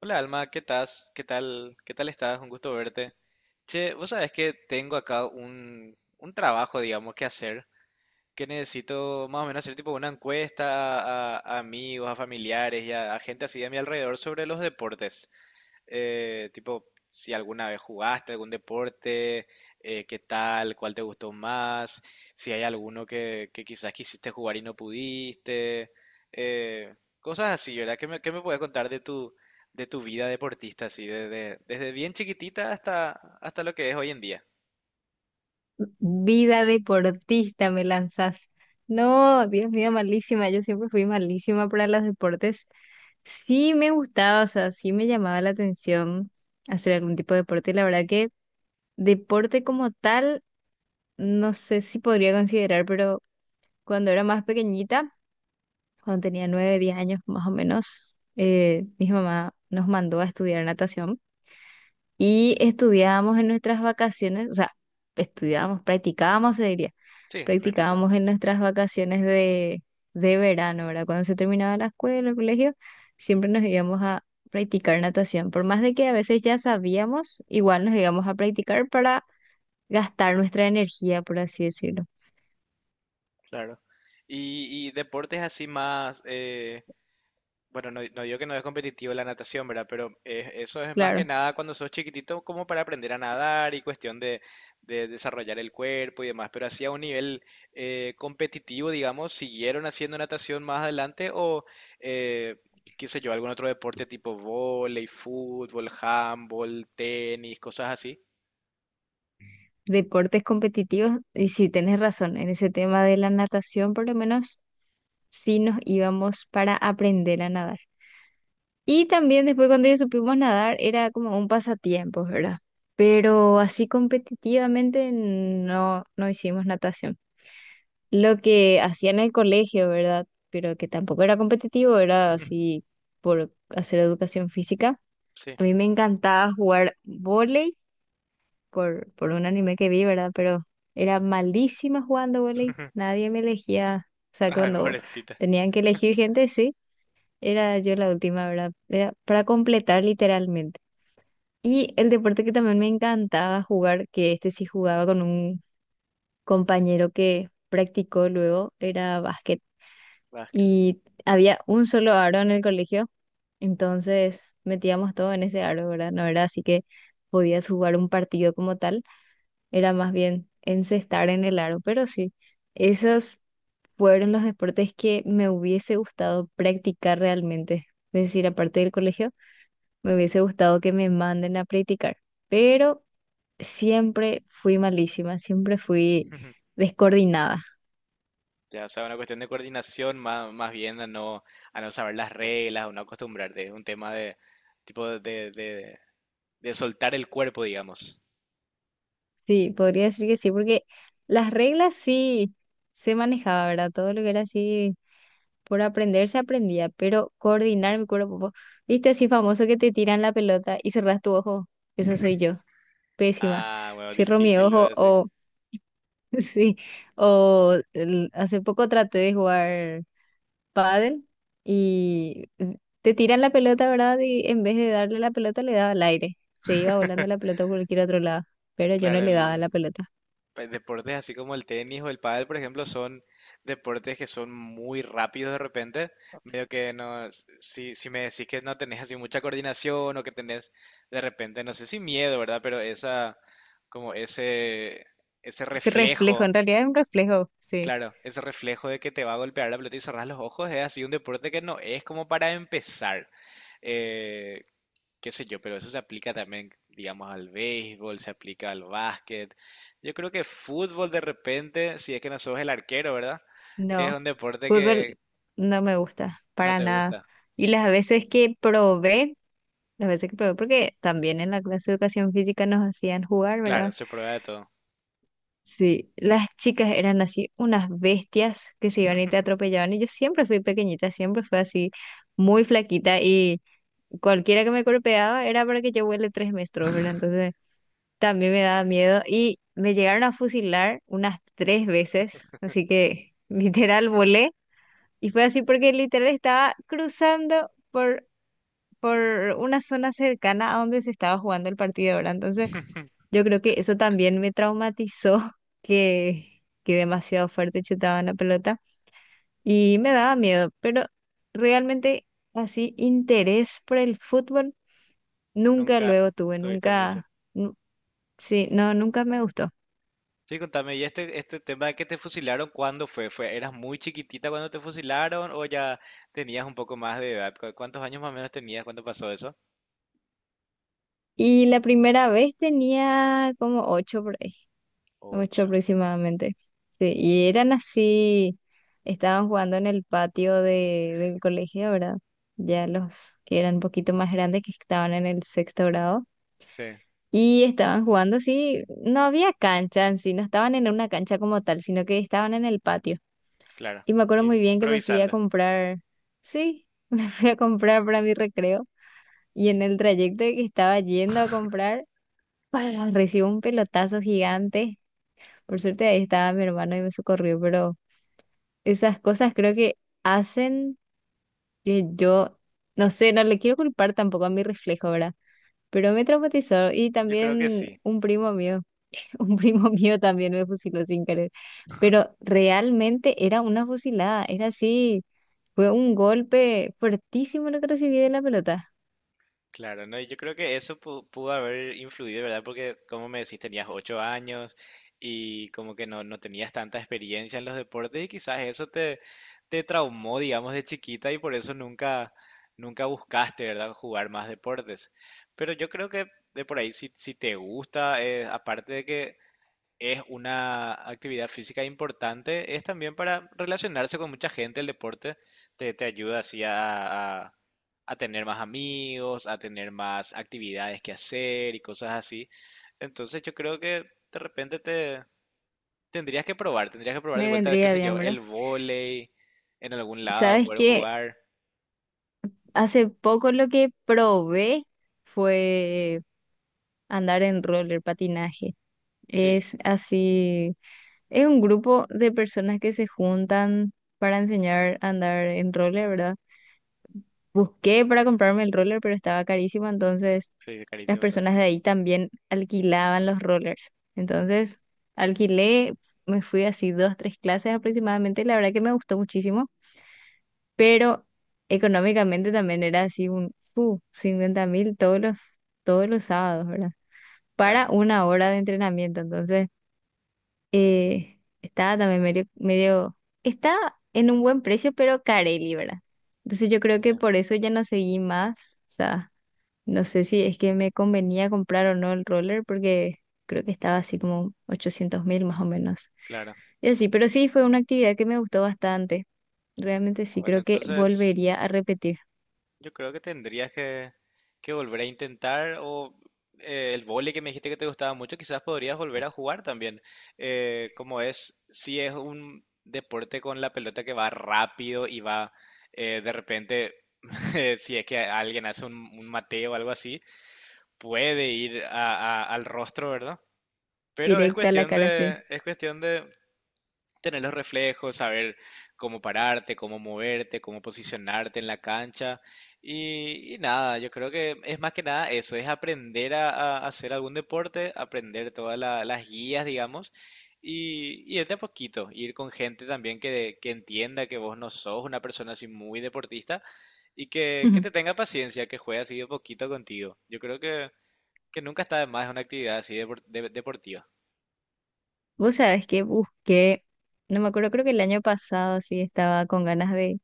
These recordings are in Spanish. Hola Alma, ¿qué tal? ¿Qué tal? ¿Qué tal estás? Un gusto verte. Che, vos sabés que tengo acá un trabajo, digamos, que hacer, que necesito más o menos hacer tipo una encuesta a amigos, a familiares y a gente así de mi alrededor sobre los deportes. Tipo, si alguna vez jugaste algún deporte, qué tal, cuál te gustó más, si hay alguno que quizás quisiste jugar y no pudiste, cosas así, ¿verdad? Qué me puedes contar de tu vida deportista, así, desde, desde bien chiquitita hasta, hasta lo que es hoy en día? Vida deportista me lanzas. No, Dios mío, malísima. Yo siempre fui malísima para los deportes. Sí me gustaba, o sea, sí me llamaba la atención hacer algún tipo de deporte. La verdad que deporte como tal, no sé si podría considerar, pero cuando era más pequeñita, cuando tenía 9, 10 años más o menos, mi mamá nos mandó a estudiar natación y estudiábamos en nuestras vacaciones, o sea, estudiábamos, practicábamos, se diría. Sí, práctica, Practicábamos en nuestras vacaciones de verano, ¿verdad? Cuando se terminaba la escuela, el colegio, siempre nos íbamos a practicar natación. Por más de que a veces ya sabíamos, igual nos íbamos a practicar para gastar nuestra energía, por así decirlo. claro. Y deportes así más, bueno, no, no digo que no es competitivo la natación, ¿verdad? Pero eso es más que Claro, nada cuando sos chiquitito como para aprender a nadar y cuestión de desarrollar el cuerpo y demás. Pero así a un nivel competitivo, digamos, ¿siguieron haciendo natación más adelante o, eh, qué sé yo, algún otro deporte tipo vóley, fútbol, handball, tenis, cosas así? deportes competitivos, y sí, tenés razón, en ese tema de la natación, por lo menos sí nos íbamos para aprender a nadar. Y también después cuando ya supimos nadar era como un pasatiempo, ¿verdad? Mm. Pero así competitivamente no hicimos natación. Lo que hacía en el colegio, ¿verdad? Pero que tampoco era competitivo, era así por hacer educación física. Sí. A mí me encantaba jugar vóley por un anime que vi, ¿verdad? Pero era malísima jugando vóley. Nadie me elegía. O sea, Ay, cuando pobrecita. tenían que elegir gente, sí, era yo la última, ¿verdad? Era para completar literalmente. Y el deporte que también me encantaba jugar, que este sí jugaba con un compañero que practicó luego, era básquet. Básquet. Y había un solo aro en el colegio, entonces metíamos todo en ese aro, ¿verdad? No era así que podías jugar un partido como tal, era más bien encestar en el aro, pero sí, esos fueron los deportes que me hubiese gustado practicar realmente. Es decir, aparte del colegio, me hubiese gustado que me manden a practicar. Pero siempre fui malísima, siempre fui descoordinada. Ya, o sea, una cuestión de coordinación más, más bien a no saber las reglas o no acostumbrarte. Es un tema de tipo de, de soltar el cuerpo, digamos. Sí, podría decir que sí, porque las reglas sí se manejaba, ¿verdad? Todo lo que era así por aprender se aprendía, pero coordinar mi cuerpo, viste así famoso que te tiran la pelota y cerrás tu ojo, eso soy yo, pésima. Ah, bueno, Cierro mi difícil lo de ojo decir. o sí, o hace poco traté de jugar pádel y te tiran la pelota, ¿verdad? Y en vez de darle la pelota, le daba al aire. Se iba volando la pelota por cualquier otro lado, pero yo no Claro, le daba el la pelota. pues, deportes así como el tenis o el pádel, por ejemplo, son deportes que son muy rápidos de repente. Medio que no, si, si me decís que no tenés así mucha coordinación o que tenés de repente, no sé si miedo, ¿verdad? Pero esa, como ese Ese reflejo, reflejo. en realidad es un reflejo, sí. Claro, ese reflejo de que te va a golpear la pelota y cerrar los ojos es así un deporte que no es como para empezar. Eh, Qué sé yo, pero eso se aplica también, digamos, al béisbol, se aplica al básquet. Yo creo que fútbol de repente, si es que no sos el arquero, ¿verdad? Es No, un deporte fútbol que no me gusta, no para te nada. gusta. Y las veces que probé, las veces que probé, porque también en la clase de educación física nos hacían jugar, Claro, ¿verdad? se prueba de todo. Sí, las chicas eran así unas bestias que se iban y te atropellaban. Y yo siempre fui pequeñita, siempre fui así muy flaquita y cualquiera que me golpeaba era para que yo vuele 3 metros, ¿verdad? Entonces también me daba miedo y me llegaron a fusilar unas 3 veces, así que literal volé y fue así porque literal estaba cruzando por una zona cercana a donde se estaba jugando el partido, ¿verdad? Entonces yo creo que eso también me traumatizó, que demasiado fuerte chutaban la pelota y me daba miedo, pero realmente así interés por el fútbol. Nunca Nunca luego tuve, tuviste mucho. nunca, nu- sí, no, nunca me gustó. Sí, contame, ¿y este tema de que te fusilaron, cuándo fue? ¿Fue, eras muy chiquitita cuando te fusilaron o ya tenías un poco más de edad? ¿Cu- ¿Cuántos años más o menos tenías cuando pasó eso? Y la primera vez tenía como ocho por ahí, ocho Ocho. aproximadamente. Sí, y eran así, estaban jugando en el patio del colegio, ¿verdad? Ya los que eran un poquito más grandes, que estaban en el 6.º grado. Sí, Y estaban jugando así, no había cancha en sí, no estaban en una cancha como tal, sino que estaban en el patio. claro. Y me acuerdo muy In- bien que me fui a improvisando. comprar, sí, me fui a comprar para mi recreo. Y en el trayecto que estaba yendo a comprar, ¡pah! Recibo un pelotazo gigante. Por suerte ahí estaba mi hermano y me socorrió, pero esas cosas creo que hacen que yo, no sé, no le quiero culpar tampoco a mi reflejo, ¿verdad? Pero me traumatizó y Yo creo que también sí. un primo mío, un primo mío también me fusiló sin querer. Pero realmente era una fusilada, era así, fue un golpe fuertísimo lo que recibí de la pelota. Claro, no, y yo creo que eso pudo haber influido, ¿verdad? Porque, como me decís, tenías ocho años y como que no, no tenías tanta experiencia en los deportes y quizás eso te, te traumó, digamos, de chiquita y por eso nunca, nunca buscaste, ¿verdad? Jugar más deportes. Pero yo creo que de por ahí, si, si te gusta, aparte de que es una actividad física importante, es también para relacionarse con mucha gente, el deporte te, te ayuda así a, a tener más amigos, a tener más actividades que hacer y cosas así. Entonces yo creo que de repente te tendrías que probar de Me vuelta, qué vendría sé bien, yo, el ¿verdad? vóley en algún lado, ¿Sabes poder qué? jugar. Hace poco lo que probé fue andar en roller patinaje. Sí, Es así, es un grupo de personas que se juntan para enseñar a andar en roller, ¿verdad? Busqué para comprarme el roller, pero estaba carísimo, entonces sí, las carísimos son. personas de ahí también alquilaban los rollers. Entonces alquilé, me fui así 2, 3 clases aproximadamente, y la verdad que me gustó muchísimo. Pero económicamente también era así un 50.000 todos los sábados, ¿verdad? Para Claro, una hora de entrenamiento. Entonces, estaba también medio, está en un buen precio, pero carelli, ¿verdad? Entonces yo creo sí, que por eso ya no seguí más. O sea, no sé si es que me convenía comprar o no el roller, porque creo que estaba así como 800.000 más o menos. claro. Y así, pero sí, fue una actividad que me gustó bastante. Realmente sí, Bueno, creo que entonces... volvería a repetir. Yo creo que tendrías que volver a intentar o el vóley que me dijiste que te gustaba mucho, quizás podrías volver a jugar también. Como es, si es un deporte con la pelota que va rápido y va de repente, si es que alguien hace un mateo o algo así, puede ir al rostro, ¿verdad? Pero Directa a la cara C. Es cuestión de tener los reflejos, saber cómo pararte, cómo moverte, cómo posicionarte en la cancha. Y nada, yo creo que es más que nada eso, es aprender a hacer algún deporte, aprender todas las guías, digamos, y ir de a poquito, ir con gente también que entienda que vos no sos una persona así muy deportista y que te tenga paciencia, que juegue así de poquito contigo. Yo creo que nunca está de más una actividad así deportiva. Vos sabés que busqué, no me acuerdo, creo que el año pasado así estaba con ganas de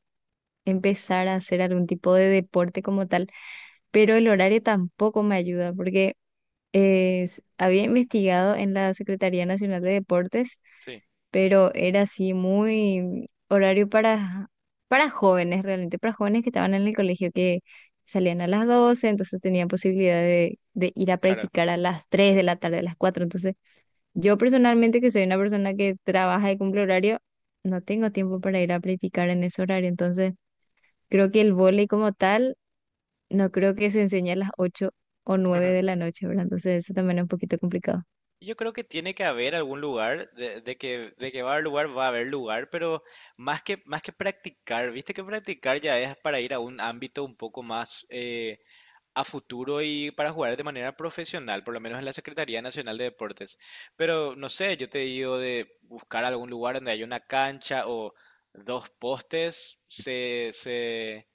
empezar a hacer algún tipo de deporte como tal, pero el horario tampoco me ayuda porque había investigado en la Secretaría Nacional de Deportes, Sí, pero era así muy horario para jóvenes realmente, para jóvenes que estaban en el colegio que salían a las 12, entonces tenían posibilidad de ir a claro. practicar a las tres de Eh. la tarde, a las 4, entonces... Yo personalmente, que soy una persona que trabaja y cumple horario, no tengo tiempo para ir a practicar en ese horario. Entonces, creo que el vóley como tal, no creo que se enseñe a las ocho o nueve de la noche, ¿verdad? Entonces, eso también es un poquito complicado. Yo creo que tiene que haber algún lugar, de que va a haber lugar, va a haber lugar, pero más que practicar, viste que practicar ya es para ir a un ámbito un poco más, a futuro y para jugar de manera profesional, por lo menos en la Secretaría Nacional de Deportes. Pero no sé, yo te digo de buscar algún lugar donde haya una cancha o dos postes, se, se,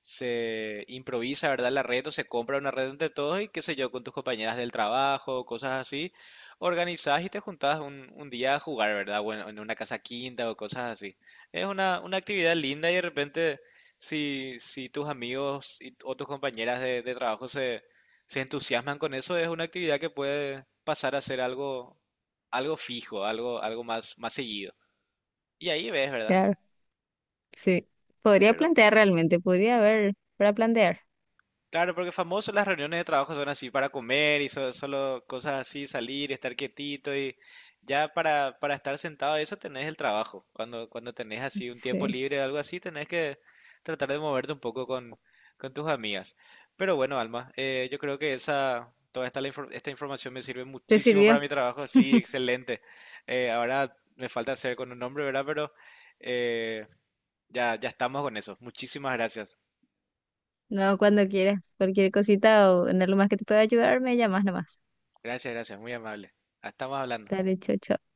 se improvisa, ¿verdad? La red o se compra una red entre todos y qué sé yo, con tus compañeras del trabajo, cosas así. Organizás y te juntás un día a jugar, ¿verdad? Bueno, en una casa quinta o cosas así. Es una actividad linda y de repente si, si tus amigos y, o tus compañeras de trabajo se, se entusiasman con eso, es una actividad que puede pasar a ser algo, algo fijo, algo, algo más, más seguido. Y ahí ves, ¿verdad? Claro, sí. Podría Pero plantear realmente, podría haber para plantear. claro, porque famoso las reuniones de trabajo son así para comer y solo cosas así, salir, estar quietito y ya para estar sentado, eso tenés el trabajo. Cuando, cuando tenés así un tiempo Sí. libre o algo así, tenés que tratar de moverte un poco con tus amigas. Pero bueno, Alma, yo creo que esa, toda esta, esta información me sirve ¿Te muchísimo para sirvió? mi trabajo, sí, excelente. Ahora me falta hacer con un nombre, ¿verdad? Pero eh, ya, ya estamos con eso. Muchísimas gracias. No, cuando quieras. Cualquier cosita o en algo más que te pueda ayudar, me llamas nomás. Gracias, gracias, muy amable. Ah, estamos hablando. Dale, chao, chao.